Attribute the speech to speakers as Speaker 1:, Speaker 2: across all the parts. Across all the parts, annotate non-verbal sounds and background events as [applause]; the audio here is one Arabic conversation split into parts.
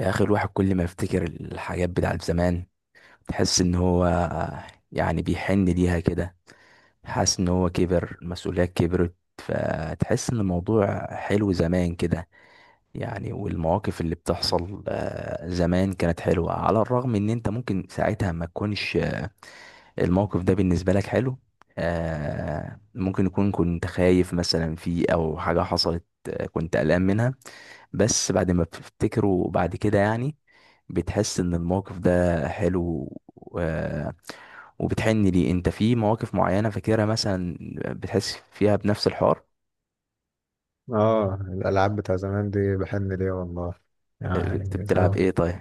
Speaker 1: يا اخي، الواحد كل ما يفتكر الحاجات بتاعت زمان تحس ان هو يعني بيحن ليها كده. حاسس ان هو كبر المسؤوليات كبرت فتحس ان الموضوع حلو زمان كده يعني. والمواقف اللي بتحصل زمان كانت حلوة على الرغم ان انت ممكن ساعتها ما تكونش الموقف ده بالنسبة لك حلو. ممكن يكون كنت خايف مثلا فيه او حاجة حصلت، كنت قلقان منها. بس بعد ما بتفتكره بعد كده يعني بتحس ان الموقف ده حلو و... وبتحن ليه، انت في مواقف معينة فاكرها مثلا بتحس فيها بنفس الحوار.
Speaker 2: اه، الالعاب بتاع زمان دي بحن ليها والله.
Speaker 1: انت
Speaker 2: يعني
Speaker 1: بتلعب
Speaker 2: زمان.
Speaker 1: ايه طيب؟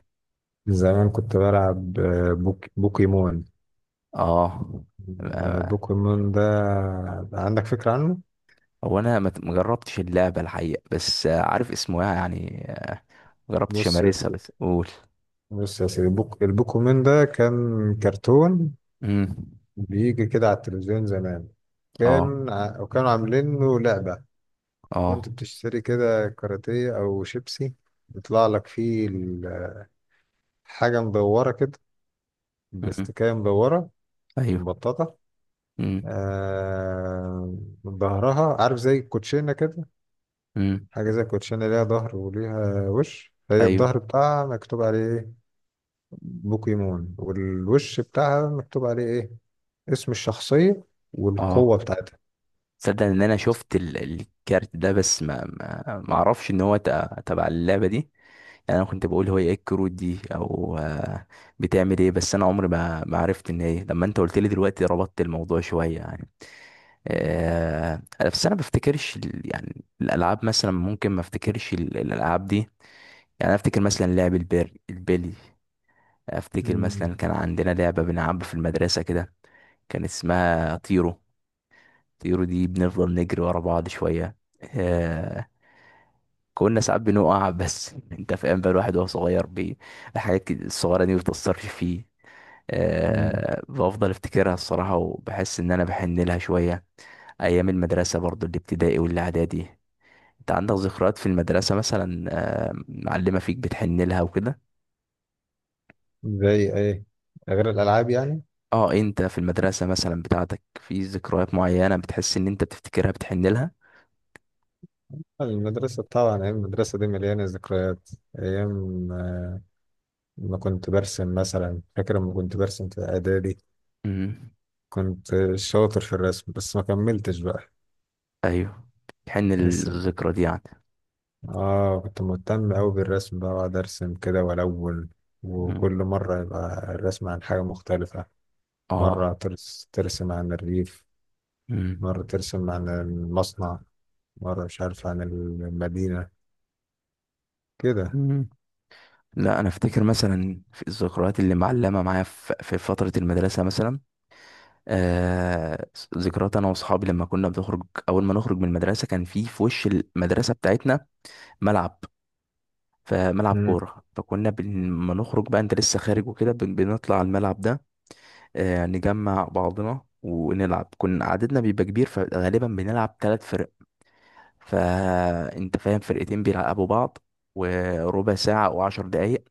Speaker 2: زمان كنت بلعب بوكيمون.
Speaker 1: اه. ما-
Speaker 2: بوكيمون ده عندك فكرة عنه؟
Speaker 1: هو انا ما جربتش اللعبة الحقيقة، بس عارف اسمها يعني، ما جربتش
Speaker 2: بص يا
Speaker 1: امارسها،
Speaker 2: سيدي،
Speaker 1: بس قول.
Speaker 2: بص يا سيدي، البوكيمون ده كان كرتون
Speaker 1: امم.
Speaker 2: بيجي كده على التلفزيون زمان.
Speaker 1: اه.
Speaker 2: وكانوا عاملين له لعبة. كنت
Speaker 1: اه.
Speaker 2: بتشتري كده كاراتيه أو شيبسي، يطلع لك فيه حاجة مدورة كده،
Speaker 1: امم.
Speaker 2: بلاستيكية مدورة،
Speaker 1: ايوه.
Speaker 2: مبططة.
Speaker 1: امم.
Speaker 2: آه ظهرها، عارف، زي الكوتشينة كده.
Speaker 1: امم.
Speaker 2: حاجة زي الكوتشينة، ليها ظهر وليها وش. هي
Speaker 1: ايوه.
Speaker 2: الظهر بتاعها مكتوب عليه ايه؟ بوكيمون. والوش بتاعها مكتوب عليه ايه؟ اسم الشخصية والقوة
Speaker 1: اه.
Speaker 2: بتاعتها.
Speaker 1: تصدق ان انا شفت الكارت ده، بس ما اعرفش ان هو تبع اللعبة دي. يعني انا كنت بقول هو ايه الكروت دي، او بتعمل ايه، بس انا عمري ما عرفت ان هي. لما انت قلت لي دلوقتي ربطت الموضوع شويه يعني. بس انا ما بفتكرش يعني الالعاب مثلا، ممكن ما افتكرش الالعاب دي يعني. أنا افتكر مثلا لعب البير البلي. افتكر
Speaker 2: مم.
Speaker 1: مثلا كان عندنا لعبه بنلعبها في المدرسه كده، كان اسمها طيرو. طيرو دي بنفضل نجري ورا بعض شويه، آه، كنا ساعات بنقع بس [laughs] انت فاهم بقى الواحد وهو صغير بي الحاجات كده الصغيره دي ما بتأثرش فيه.
Speaker 2: مم.
Speaker 1: أه بفضل افتكرها الصراحه، وبحس ان انا بحن لها شويه. ايام المدرسه برضو، الابتدائي والاعدادي، انت عندك ذكريات في المدرسه مثلا؟ أه معلمه فيك بتحن لها وكده؟
Speaker 2: زي ايه؟ غير الألعاب يعني.
Speaker 1: اه، انت في المدرسه مثلا بتاعتك في ذكريات معينه بتحس ان انت بتفتكرها بتحن لها؟
Speaker 2: المدرسة طبعا، أيام المدرسة دي مليانة ذكريات. أيام ما كنت برسم مثلا. فاكر لما كنت برسم في إعدادي،
Speaker 1: امم.
Speaker 2: كنت شاطر في الرسم بس ما كملتش بقى.
Speaker 1: ايوه. بتحن
Speaker 2: ارسم،
Speaker 1: للذكرى دي يعني.
Speaker 2: اه كنت مهتم اوي بالرسم بقى، واقعد ارسم كده والون.
Speaker 1: مم.
Speaker 2: وكل مرة يبقى الرسم عن حاجة مختلفة، مرة
Speaker 1: اه.
Speaker 2: ترسم عن الريف، مرة ترسم عن المصنع، مرة مش عارف، عن المدينة كده.
Speaker 1: امم. لا، انا افتكر مثلا في الذكريات اللي معلمه معايا في فتره المدرسه مثلا. آه. ذكريات انا واصحابي لما كنا بنخرج. اول ما نخرج من المدرسه كان في وش المدرسه بتاعتنا ملعب، فملعب
Speaker 2: مم.
Speaker 1: كوره، فكنا لما نخرج بقى انت لسه خارج وكده بنطلع على الملعب ده. آه، نجمع بعضنا ونلعب. كنا عددنا بيبقى كبير، فغالبا بنلعب ثلاث فرق. فانت فاهم، فرقتين بيلعبوا بعض وربع ساعة أو عشر دقايق،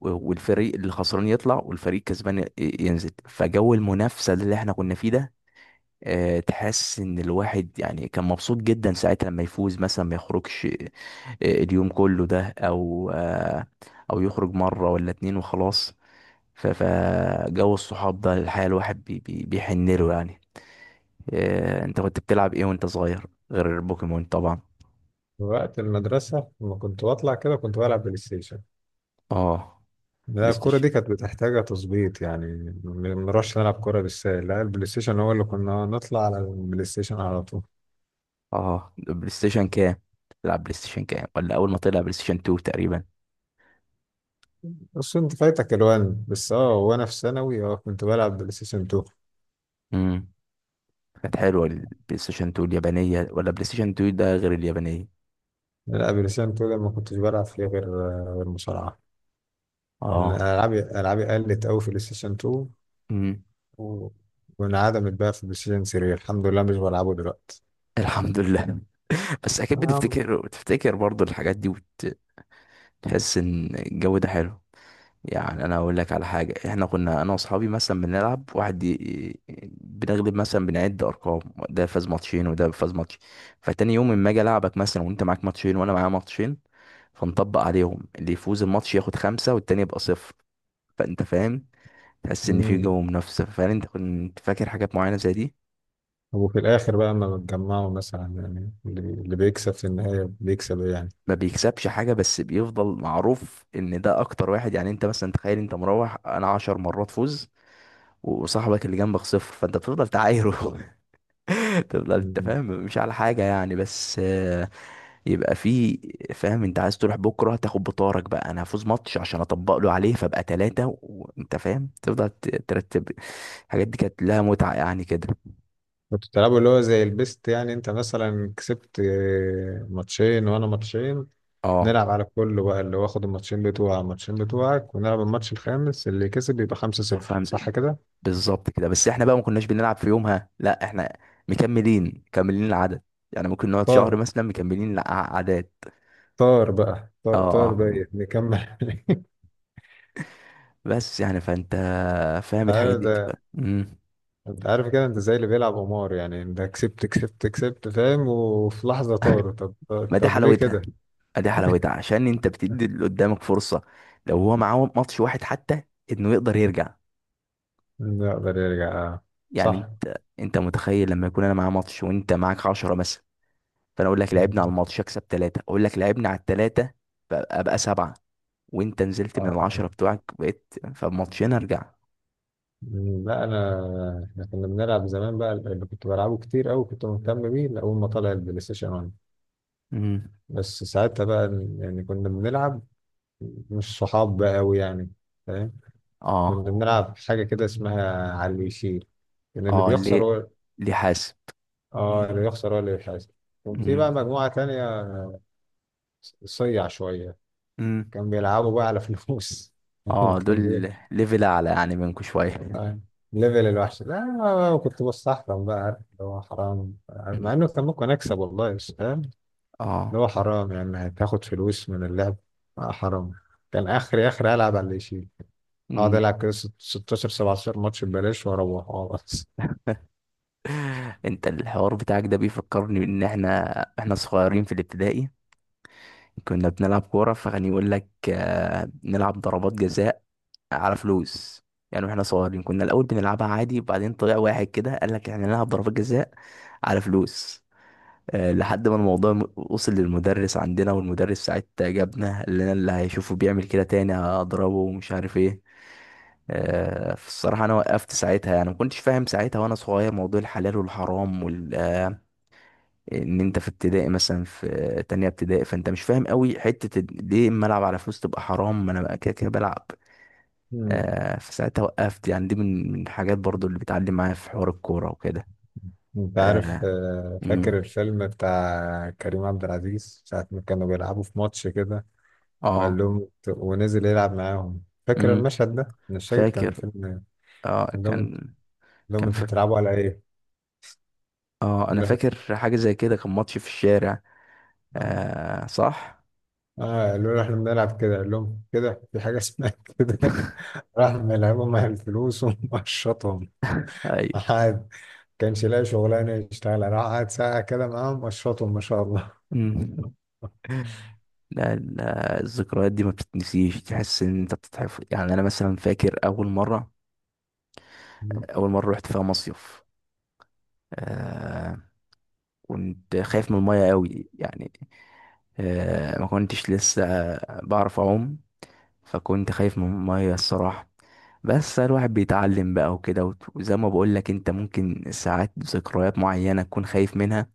Speaker 1: والفريق اللي خسران يطلع والفريق كسبان ينزل. فجو المنافسة اللي احنا كنا فيه ده، تحس ان الواحد يعني كان مبسوط جدا ساعتها. لما يفوز مثلا ما يخرجش اليوم كله ده، او او يخرج مرة ولا اتنين وخلاص. فجو الصحاب ده الحقيقة الواحد بيحن له يعني. انت كنت بتلعب ايه وانت صغير غير بوكيمون طبعا؟
Speaker 2: وقت المدرسة لما كنت بطلع كده كنت بلعب بلاي ستيشن.
Speaker 1: اه،
Speaker 2: لا،
Speaker 1: بلاي
Speaker 2: الكورة
Speaker 1: ستيشن.
Speaker 2: دي كانت بتحتاج تظبيط يعني، ما بنروحش نلعب كورة بالسهل، لا البلاي ستيشن هو اللي كنا نطلع على البلاي ستيشن على طول.
Speaker 1: اه، بلاي ستيشن كام؟ تلعب بلاي ستيشن كام، ولا اول ما طلع بلاي ستيشن 2 تقريبا؟
Speaker 2: بس انت فايتك الوان، بس اه، وانا في ثانوي اه كنت بلعب بلاي ستيشن 2.
Speaker 1: امم. كانت حلوة البلاي ستيشن 2 اليابانية، ولا بلاي ستيشن 2 ده غير اليابانية؟
Speaker 2: لا بلاي ستيشن 2 ده ما كنتش بلعب فيه غير مصارعه، لأن
Speaker 1: اه.
Speaker 2: العابي قلت قوي في بلاي ستيشن 2،
Speaker 1: امم.
Speaker 2: و- وانعدمت بقى في بلاي ستيشن 3. الحمد لله مش بلعبه دلوقتي.
Speaker 1: الحمد لله. [laughs] بس اكيد
Speaker 2: نعم.
Speaker 1: بتفتكر، بتفتكر برضو الحاجات دي، وتحس ان الجو ده حلو. يعني انا اقول لك على حاجة، احنا كنا انا واصحابي مثلا بنلعب واحد بنغلب مثلا، بنعد ارقام. ده فاز ماتشين وده فاز ماتش. فتاني يوم اما اجي العبك مثلا وانت معاك ماتشين وانا معايا ماتشين، فنطبق عليهم، اللي يفوز الماتش ياخد خمسة والتاني يبقى صفر. فانت فاهم، تحس ان في
Speaker 2: امم.
Speaker 1: جو منافسه فعلا. انت كنت فاكر حاجات معينه زي دي؟
Speaker 2: وفي الاخر بقى اما بتجمعوا مثلا، يعني اللي بيكسب في النهايه بيكسب إيه يعني؟
Speaker 1: ما بيكسبش حاجه، بس بيفضل معروف ان ده اكتر واحد. يعني انت مثلا تخيل، انت مروح انا عشر مرات فوز وصاحبك اللي جنبك صفر، فانت بتفضل تعايره [laughs] تفضل، انت
Speaker 2: مم.
Speaker 1: فاهم، مش على حاجه يعني، بس يبقى في، فاهم. انت عايز تروح بكره تاخد بطارك بقى، انا هفوز ماتش عشان اطبق له عليه فابقى ثلاثه. وانت فاهم تفضل ترتب. الحاجات دي كانت لها متعه يعني كده.
Speaker 2: كنتوا بتلعبوا اللي هو زي البيست، يعني انت مثلا كسبت ماتشين وانا ماتشين،
Speaker 1: اه،
Speaker 2: نلعب على كله بقى. اللي واخد الماتشين بتوعك، ونلعب الماتش الخامس، اللي كسب يبقى 5-0.
Speaker 1: فاهم.
Speaker 2: صح كده؟
Speaker 1: بالظبط كده. بس احنا بقى ما كناش بنلعب في يومها، لا، احنا مكملين مكملين العدد. يعني ممكن نقعد شهر
Speaker 2: طار.
Speaker 1: مثلا مكملين العدد.
Speaker 2: طار بقى
Speaker 1: اه.
Speaker 2: طار، طار
Speaker 1: اه.
Speaker 2: بقى نكمل.
Speaker 1: بس يعني، فانت
Speaker 2: [laughs]
Speaker 1: فاهم،
Speaker 2: انت
Speaker 1: الحاجات
Speaker 2: عارف
Speaker 1: دي
Speaker 2: ده،
Speaker 1: بتبقى مم.
Speaker 2: انت عارف كده، انت زي اللي بيلعب قمار، يعني انت كسبت كسبت كسبت، فاهم، وفي لحظة
Speaker 1: [laughs]
Speaker 2: طار. طب،
Speaker 1: ما دي
Speaker 2: طب ليه
Speaker 1: حلاوتها.
Speaker 2: كده؟
Speaker 1: ما دي حلاوتها عشان انت بتدي
Speaker 2: [laughs]
Speaker 1: اللي قدامك فرصة، لو هو معاه ماتش واحد حتى انه يقدر يرجع.
Speaker 2: يقدر يرجع آه.
Speaker 1: يعني
Speaker 2: صح.
Speaker 1: انت متخيل لما يكون انا معاه ماتش وانت معاك عشرة مثلا، فانا اقول لك لعبنا على
Speaker 2: مم.
Speaker 1: الماتش، اكسب ثلاثة، اقول لك لعبنا على الثلاثة، فابقى سبعة. وانت نزلت من
Speaker 2: آه.
Speaker 1: العشرة بتوعك، بقيت فماتشين، ارجع.
Speaker 2: مم. لا احنا كنا بنلعب زمان بقى، اللي كنت بلعبه كتير قوي كنت مهتم بيه لأول ما طلع البلاي ستيشن.
Speaker 1: امم.
Speaker 2: بس ساعتها بقى يعني كنا بنلعب، مش صحاب بقى أوي يعني، فاهم،
Speaker 1: اه.
Speaker 2: كنا بنلعب حاجة كده اسمها على اللي يشيل، إن اللي
Speaker 1: اه
Speaker 2: بيخسر
Speaker 1: ليه،
Speaker 2: هو.
Speaker 1: ليه حاسب.
Speaker 2: اه، اللي بيخسر هو اللي بيحاسب. كان في بقى
Speaker 1: امم.
Speaker 2: مجموعة تانية، صيع شوية،
Speaker 1: امم.
Speaker 2: كان بيلعبوا بقى على فلوس. [laughs]
Speaker 1: اه
Speaker 2: كان بي
Speaker 1: دول ليفل اعلى يعني منكم شوية.
Speaker 2: آه، ليفل الوحش. لا أنا كنت بستحرم بقى، عارف اللي هو حرام.
Speaker 1: مم.
Speaker 2: مع إنه كان ممكن أكسب والله، بس فاهم،
Speaker 1: اه.
Speaker 2: اللي هو حرام يعني هتاخد فلوس من اللعب. آه حرام. كان آخري آخري ألعب على اللي يشيل، هقعد
Speaker 1: امم.
Speaker 2: العب كده 16 17 ماتش ببلاش واروح، اه بس.
Speaker 1: [laughs] انت الحوار بتاعك ده بيفكرني ان احنا صغيرين في الابتدائي كنا بنلعب كورة، فكان يقول لك نلعب ضربات جزاء على فلوس. يعني واحنا صغيرين كنا الاول بنلعبها عادي، وبعدين طلع واحد كده قال لك احنا نلعب ضربات جزاء على فلوس. لحد ما الموضوع وصل للمدرس عندنا، والمدرس ساعتها جابنا، اللي انا اللي هيشوفه بيعمل كده تاني هضربه ومش عارف ايه. فالصراحة انا وقفت ساعتها يعني، ما كنتش فاهم ساعتها وانا صغير موضوع الحلال والحرام وال... ان انت في ابتدائي مثلا، في تانية ابتدائي، فانت مش فاهم قوي حتة ليه اما العب على فلوس تبقى حرام، ما انا بقى كده كده بلعب.
Speaker 2: مم.
Speaker 1: فساعتها وقفت يعني. دي من الحاجات برضو اللي بتعلم معايا في حوار الكورة وكده.
Speaker 2: انت عارف،
Speaker 1: اه. امم.
Speaker 2: فاكر الفيلم بتاع كريم عبد العزيز ساعة ما كانوا بيلعبوا في ماتش كده،
Speaker 1: اه.
Speaker 2: ونزل يلعب معاهم. فاكر
Speaker 1: امم.
Speaker 2: المشهد ده؟ أنا مش فاكر كان
Speaker 1: فاكر.
Speaker 2: فيلم إيه.
Speaker 1: اه
Speaker 2: قال
Speaker 1: كان.
Speaker 2: لهم
Speaker 1: كان
Speaker 2: انتوا
Speaker 1: في.
Speaker 2: بتلعبوا على ايه؟
Speaker 1: اه
Speaker 2: قال
Speaker 1: انا
Speaker 2: له احنا
Speaker 1: فاكر حاجه زي كده، كان ماتش في الشارع.
Speaker 2: اه
Speaker 1: آه صح.
Speaker 2: قالوا له احنا بنلعب كده، قال لهم كده في حاجة اسمها كده. [laughs]
Speaker 1: [laughs]
Speaker 2: راح ملعبهم على الفلوس ومشطهم.
Speaker 1: ايوه.
Speaker 2: قعد كانش لاقي شغلانة يشتغلها، راح قعد ساعة كده معاهم، مشطهم ما شاء الله.
Speaker 1: مم. لا لا، الذكريات دي ما بتتنسيش، تحس ان انت بتتحفظ. يعني انا مثلا فاكر اول مره، اول مره رحت فيها مصيف. آه كنت خايف من الميه قوي يعني، آه ما كنتش لسه بعرف اعوم، فكنت خايف من المية الصراحة. بس الواحد بيتعلم بقى وكده، وزي ما بقولك، انت ممكن ساعات ذكريات معينة تكون خايف منها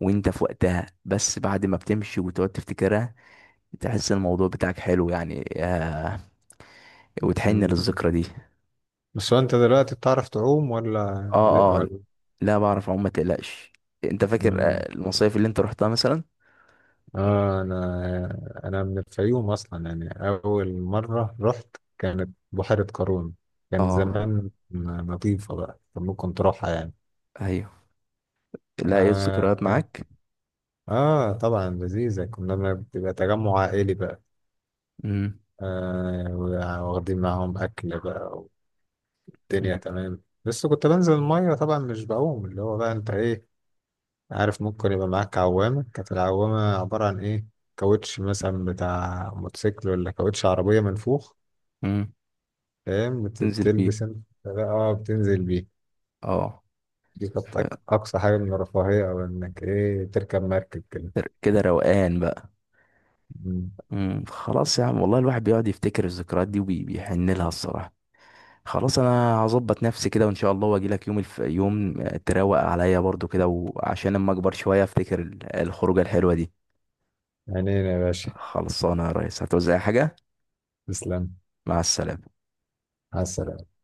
Speaker 1: وانت في وقتها، بس بعد ما بتمشي وتقعد تفتكرها تحس الموضوع بتاعك حلو يعني آه، وتحن
Speaker 2: مم.
Speaker 1: للذكرى دي.
Speaker 2: بس هو انت دلوقتي بتعرف تعوم ولا
Speaker 1: اه. اه،
Speaker 2: ولا؟
Speaker 1: لا بعرف اعوم ما تقلقش. انت فاكر
Speaker 2: مم.
Speaker 1: المصايف اللي انت رحتها مثلا؟
Speaker 2: اه انا من الفيوم اصلا، يعني اول مره رحت كانت بحيره قارون. كان
Speaker 1: اه.
Speaker 2: زمان نظيفه بقى فممكن تروحها يعني.
Speaker 1: ايوه. لا ايه
Speaker 2: آه,
Speaker 1: الذكريات
Speaker 2: آه.
Speaker 1: معاك؟
Speaker 2: طبعا لذيذة، كنا ما بتبقى تجمع عائلي بقى،
Speaker 1: امم.
Speaker 2: واخدين معاهم أكل بقى، والدنيا تمام. بس كنت بنزل المية طبعا، مش بعوم، اللي هو بقى أنت إيه، عارف، ممكن يبقى معاك عوامة. كانت العوامة عبارة عن إيه؟ كاوتش مثلا بتاع موتوسيكل، ولا كاوتش عربية منفوخ،
Speaker 1: امم.
Speaker 2: فاهم،
Speaker 1: تنزل فيه.
Speaker 2: بتلبس أنت بقى. اه بتنزل بيه.
Speaker 1: اه.
Speaker 2: دي كانت
Speaker 1: ف-
Speaker 2: أقصى حاجة من الرفاهية، أو إنك إيه تركب مركب كده.
Speaker 1: كده روقان بقى.
Speaker 2: مم.
Speaker 1: امم. خلاص يا عم، والله الواحد بيقعد يفتكر الذكريات دي وبيحن لها الصراحة. خلاص، انا هظبط نفسي كده وان شاء الله واجي لك يوم الف... يوم تروق عليا برضو كده، وعشان اما اكبر شوية افتكر الخروجة الحلوة دي.
Speaker 2: عينينا يا باشا.
Speaker 1: خلصانة يا ريس، هتوزع حاجة؟
Speaker 2: تسلم.
Speaker 1: مع السلامة.
Speaker 2: على السلامة.